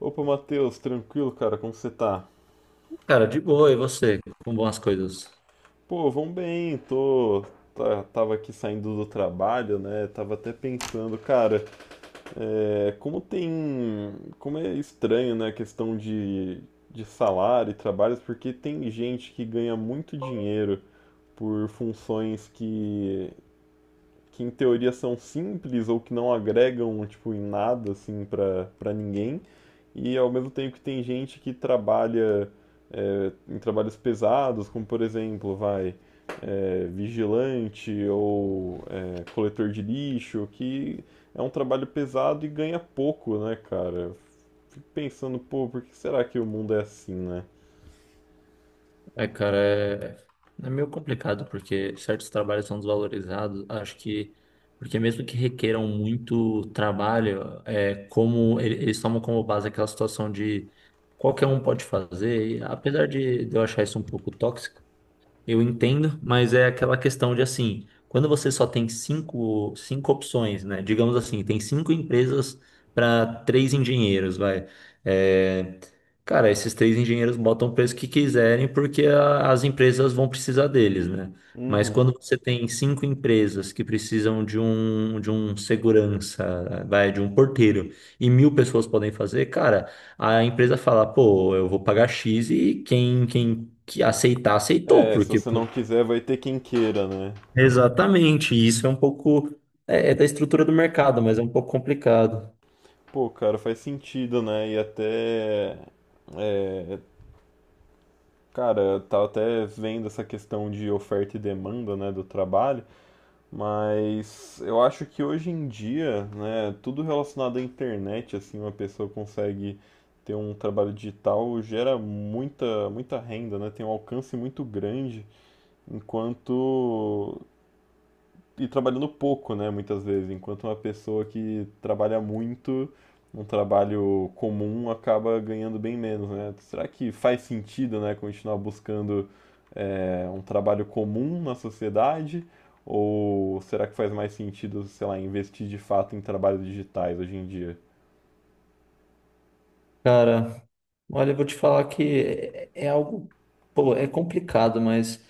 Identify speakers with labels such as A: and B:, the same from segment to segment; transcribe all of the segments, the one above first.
A: Opa, Matheus, tranquilo, cara? Como você tá?
B: Cara, de boa, e você? Como vão as coisas?
A: Pô, vão bem, tô. Tava aqui saindo do trabalho, né? Tava até pensando, cara, como tem. Como é estranho, né, a questão de salário e trabalhos, porque tem gente que ganha muito dinheiro por funções que em teoria são simples ou que não agregam tipo em nada assim para ninguém e ao mesmo tempo que tem gente que trabalha em trabalhos pesados como por exemplo vai vigilante ou coletor de lixo que é um trabalho pesado e ganha pouco, né, cara? Fico pensando, pô, por que será que o mundo é assim, né?
B: É, cara, meio complicado porque certos trabalhos são desvalorizados. Acho que, porque mesmo que requeram muito trabalho, é como eles tomam como base aquela situação de qualquer um pode fazer. E apesar de eu achar isso um pouco tóxico, eu entendo, mas é aquela questão de assim, quando você só tem cinco opções, né? Digamos assim, tem cinco empresas para três engenheiros, vai. É, cara, esses três engenheiros botam o preço que quiserem porque as empresas vão precisar deles, né? Mas
A: Uhum.
B: quando você tem cinco empresas que precisam de um segurança, vai, de um porteiro, e 1.000 pessoas podem fazer, cara. A empresa fala, pô, eu vou pagar X e quem que aceitar, aceitou,
A: É, se
B: porque
A: você não
B: pô,
A: quiser, vai ter quem queira, né?
B: exatamente isso é um pouco é da estrutura do mercado, mas é um pouco complicado.
A: Pô, cara, faz sentido, né? E até... Cara, eu tava até vendo essa questão de oferta e demanda, né, do trabalho, mas eu acho que hoje em dia, né, tudo relacionado à internet, assim, uma pessoa consegue ter um trabalho digital, gera muita, muita renda, né, tem um alcance muito grande, enquanto e trabalhando pouco, né, muitas vezes, enquanto uma pessoa que trabalha muito, um trabalho comum, acaba ganhando bem menos, né? Será que faz sentido, né, continuar buscando um trabalho comum na sociedade? Ou será que faz mais sentido, sei lá, investir de fato em trabalhos digitais hoje em dia?
B: Cara, olha, eu vou te falar que é algo, pô, é complicado, mas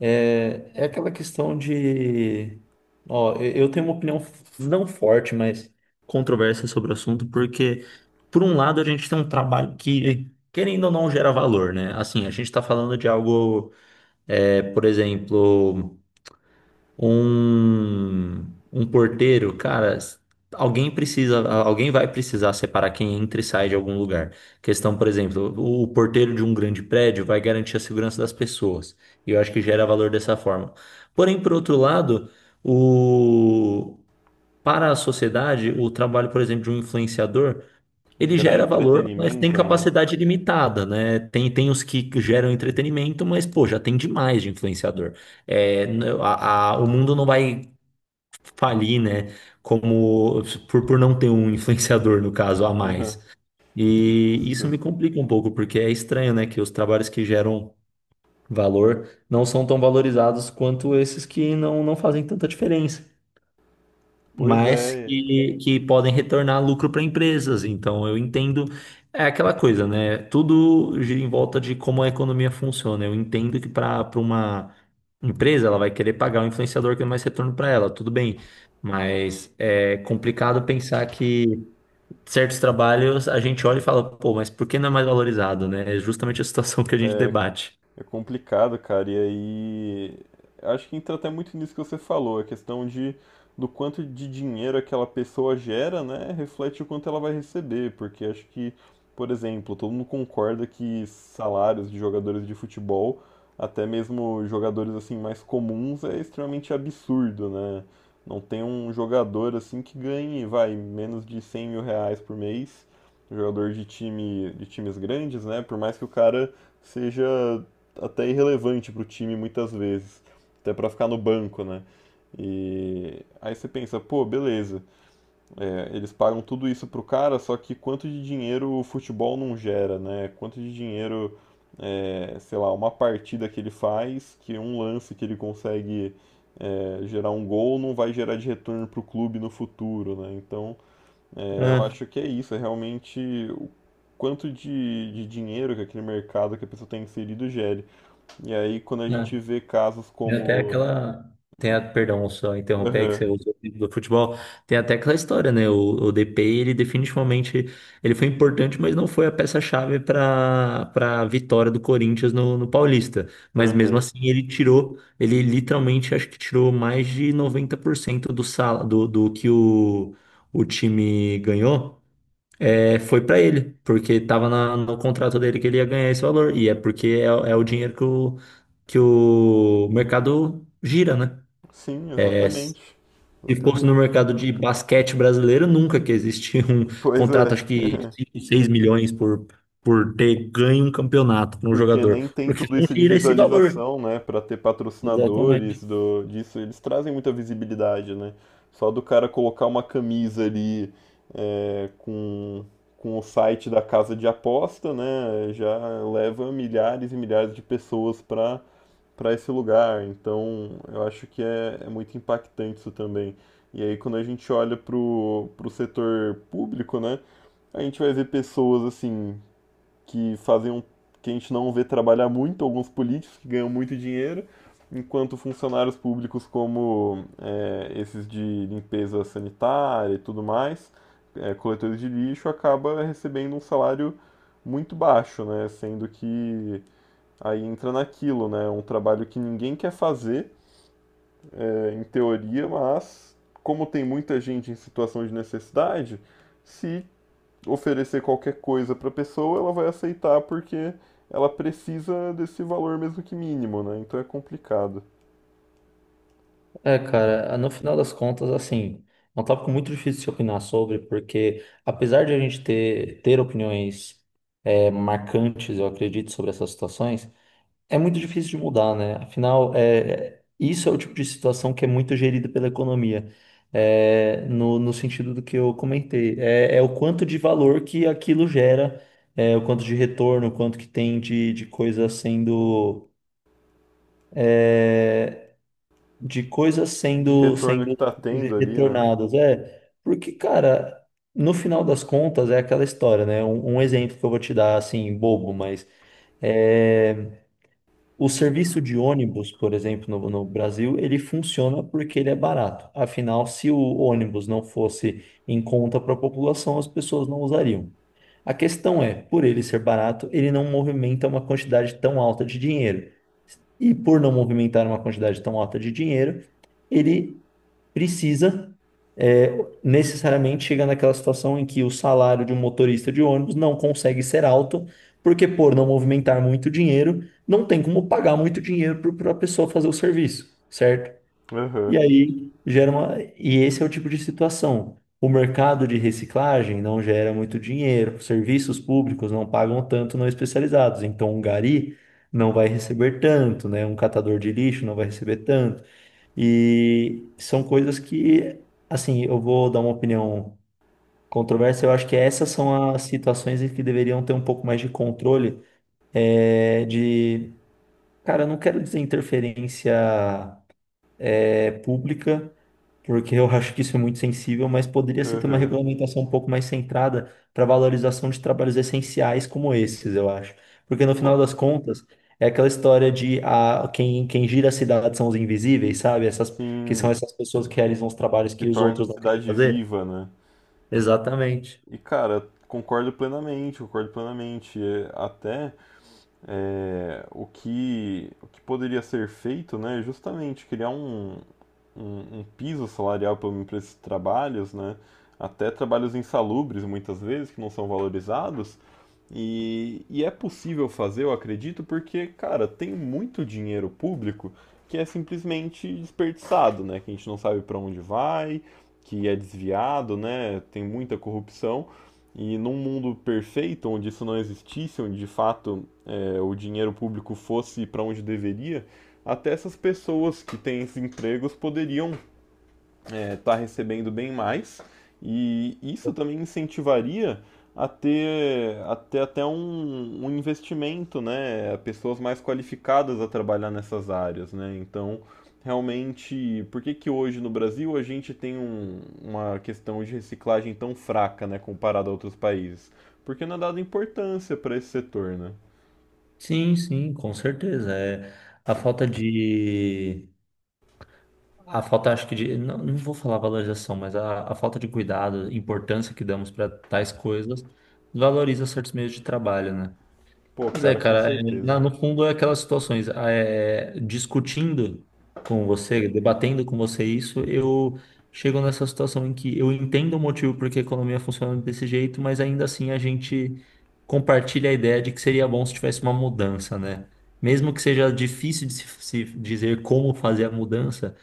B: É, é aquela questão de. Ó, eu tenho uma opinião não forte, mas controversa sobre o assunto, porque, por um lado, a gente tem um trabalho que, querendo ou não, gera valor, né? Assim, a gente está falando de algo, por exemplo um, um porteiro, cara, alguém precisa, alguém vai precisar separar quem entra e sai de algum lugar. Questão, por exemplo, o porteiro de um grande prédio vai garantir a segurança das pessoas. E eu acho que gera valor dessa forma. Porém, por outro lado, o para a sociedade, o trabalho, por exemplo, de um influenciador ele
A: Gerar
B: gera valor, mas tem
A: entretenimento, né?
B: capacidade limitada, né? Tem os que geram entretenimento, mas, pô, já tem demais de influenciador. É, o mundo não vai falir, né? Como por não ter um influenciador, no caso, a mais. E isso
A: Justo.
B: me complica um pouco, porque é estranho, né? Que os trabalhos que geram valor não são tão valorizados quanto esses que não fazem tanta diferença
A: Pois
B: mas
A: é,
B: que podem retornar lucro para empresas. Então, eu entendo. É aquela coisa, né? Tudo gira em volta de como a economia funciona. Eu entendo que para uma empresa, ela vai querer pagar o influenciador que dá mais retorno para ela, tudo bem. Mas é complicado pensar que certos trabalhos a gente olha e fala, pô, mas por que não é mais valorizado, né? É justamente a situação que a gente
A: é,
B: debate.
A: é complicado, cara. E aí, acho que entra até muito nisso que você falou, a questão de do quanto de dinheiro aquela pessoa gera, né, reflete o quanto ela vai receber, porque acho que, por exemplo, todo mundo concorda que salários de jogadores de futebol, até mesmo jogadores assim mais comuns, é extremamente absurdo, né? Não tem um jogador assim que ganhe, vai, menos de R$ 100.000 por mês, jogador de time, de times grandes, né? Por mais que o cara seja até irrelevante para o time muitas vezes, até para ficar no banco, né? E aí você pensa, pô, beleza, eles pagam tudo isso pro cara, só que quanto de dinheiro o futebol não gera, né? Quanto de dinheiro, sei lá, uma partida que ele faz, que um lance que ele consegue gerar um gol, não vai gerar de retorno pro clube no futuro, né? Então, eu
B: É,
A: acho que é isso, é realmente o quanto de dinheiro que aquele mercado que a pessoa tem inserido gere. E aí, quando a
B: é.
A: gente vê casos
B: Tem até
A: como...
B: aquela. Tem a... Perdão, só interromper aí que você
A: Aham,
B: usou o exemplo do futebol. Tem até aquela história, né? O DP, ele definitivamente ele foi importante, mas não foi a peça-chave para a vitória do Corinthians no Paulista. Mas mesmo
A: aham.
B: assim, ele tirou, ele literalmente acho que tirou mais de 90% do, sal, do que o time ganhou foi para ele, porque estava no contrato dele que ele ia ganhar esse valor. E é porque é o dinheiro que que o mercado gira, né?
A: Sim,
B: É, se
A: exatamente.
B: fosse no
A: Exatamente.
B: mercado de basquete brasileiro, nunca que existia um
A: Pois
B: contrato,
A: é.
B: acho que 5 6 milhões por ter ganho um campeonato para um
A: Porque
B: jogador,
A: nem tem
B: porque
A: tudo
B: não
A: isso de
B: gira esse valor.
A: visualização, né? Pra ter
B: Exatamente.
A: patrocinadores do, disso. Eles trazem muita visibilidade, né? Só do cara colocar uma camisa ali é, com, com o site da casa de aposta, né? Já leva milhares e milhares de pessoas pra para esse lugar. Então, eu acho que é, é muito impactante isso também. E aí, quando a gente olha pro, pro setor público, né, a gente vai ver pessoas assim que fazem um, que a gente não vê trabalhar muito, alguns políticos que ganham muito dinheiro, enquanto funcionários públicos como esses de limpeza sanitária e tudo mais, coletores de lixo, acaba recebendo um salário muito baixo, né, sendo que... Aí entra naquilo, né? Um trabalho que ninguém quer fazer, em teoria, mas como tem muita gente em situação de necessidade, se oferecer qualquer coisa para a pessoa, ela vai aceitar porque ela precisa desse valor, mesmo que mínimo, né? Então é complicado.
B: É, cara, no final das contas, assim, é um tópico muito difícil de se opinar sobre, porque apesar de a gente ter opiniões é, marcantes, eu acredito, sobre essas situações, é muito difícil de mudar, né? Afinal, isso é o tipo de situação que é muito gerida pela economia, é, no sentido do que eu comentei. É o quanto de valor que aquilo gera, é, o quanto de retorno, o quanto que tem de coisa sendo. de coisas
A: De
B: sendo,
A: retorno que
B: sendo
A: tá tendo ali, né?
B: retornadas. É, porque, cara, no final das contas é aquela história, né? Um exemplo que eu vou te dar, assim, bobo, mas é, o serviço de ônibus, por exemplo, no Brasil, ele funciona porque ele é barato. Afinal, se o ônibus não fosse em conta para a população, as pessoas não usariam. A questão é, por ele ser barato, ele não movimenta uma quantidade tão alta de dinheiro. E por não movimentar uma quantidade tão alta de dinheiro, ele precisa é, necessariamente chegar naquela situação em que o salário de um motorista de ônibus não consegue ser alto, porque por não movimentar muito dinheiro, não tem como pagar muito dinheiro para a pessoa fazer o serviço, certo?
A: Aham,
B: E aí gera uma. E esse é o tipo de situação. O mercado de reciclagem não gera muito dinheiro, serviços públicos não pagam tanto não especializados. Então, um gari não vai receber tanto, né? Um catador de lixo não vai receber tanto. E são coisas que, assim, eu vou dar uma opinião controversa. Eu acho que essas são as situações em que deveriam ter um pouco mais de controle, é, de. Cara, eu não quero dizer interferência, é, pública porque eu acho que isso é muito sensível, mas poderia se ter uma
A: aham.
B: regulamentação um pouco mais centrada para valorização de trabalhos essenciais como esses, eu acho. Porque no
A: Pô...
B: final das contas, é aquela história de a, quem gira a cidade são os invisíveis, sabe? Essas, que são
A: Sim,
B: essas pessoas que realizam os trabalhos
A: que
B: que os
A: torna a
B: outros não querem
A: cidade
B: fazer.
A: viva, né?
B: Exatamente.
A: E cara, concordo plenamente, concordo plenamente. É, até o que poderia ser feito, né, é justamente criar um, um, um piso salarial para esses trabalhos, né, até trabalhos insalubres muitas vezes, que não são valorizados, e é possível fazer, eu acredito, porque, cara, tem muito dinheiro público que é simplesmente desperdiçado, né, que a gente não sabe para onde vai, que é desviado, né, tem muita corrupção, e num mundo perfeito, onde isso não existisse, onde de fato o dinheiro público fosse para onde deveria, até essas pessoas que têm esses empregos poderiam estar recebendo bem mais. E isso também incentivaria a ter até um, um investimento, né? Pessoas mais qualificadas a trabalhar nessas áreas, né? Então, realmente, por que que hoje no Brasil a gente tem uma questão de reciclagem tão fraca, né? Comparado a outros países? Porque não é dada importância para esse setor, né?
B: Sim, com certeza. É a falta de a falta, acho que de. Não, não vou falar valorização, mas a falta de cuidado, importância que damos para tais coisas, valoriza certos meios de trabalho, né?
A: Pô,
B: Mas é,
A: cara, com
B: cara, é,
A: certeza.
B: no fundo é aquelas situações. Ah, é, discutindo com você, debatendo com você isso, eu chego nessa situação em que eu entendo o motivo porque a economia funciona desse jeito, mas ainda assim a gente compartilha a ideia de que seria bom se tivesse uma mudança, né? Mesmo que seja difícil de se dizer como fazer a mudança.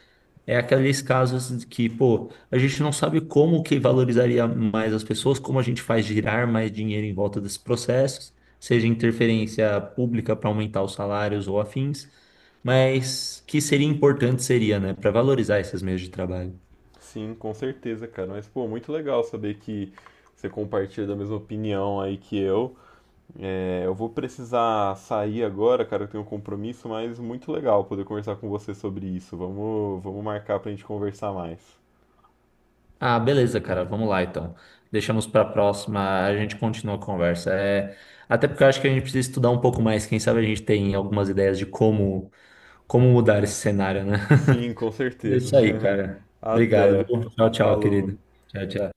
B: É aqueles casos que, pô, a gente não sabe como que valorizaria mais as pessoas, como a gente faz girar mais dinheiro em volta desses processos, seja interferência pública para aumentar os salários ou afins, mas que seria importante seria, né, para valorizar esses meios de trabalho.
A: Sim, com certeza, cara. Mas, pô, muito legal saber que você compartilha da mesma opinião aí que eu. É, eu vou precisar sair agora, cara, eu tenho um compromisso, mas muito legal poder conversar com você sobre isso. Vamos, vamos marcar pra gente conversar mais.
B: Ah, beleza, cara, vamos lá então. Deixamos para a próxima, a gente continua a conversa. É, até porque eu acho que a gente precisa estudar um pouco mais, quem sabe a gente tem algumas ideias de como, como mudar esse cenário, né?
A: Sim, com
B: É
A: certeza.
B: isso aí, cara. Obrigado,
A: Até.
B: viu? Tchau, tchau,
A: Falou.
B: querido. Tchau, tchau.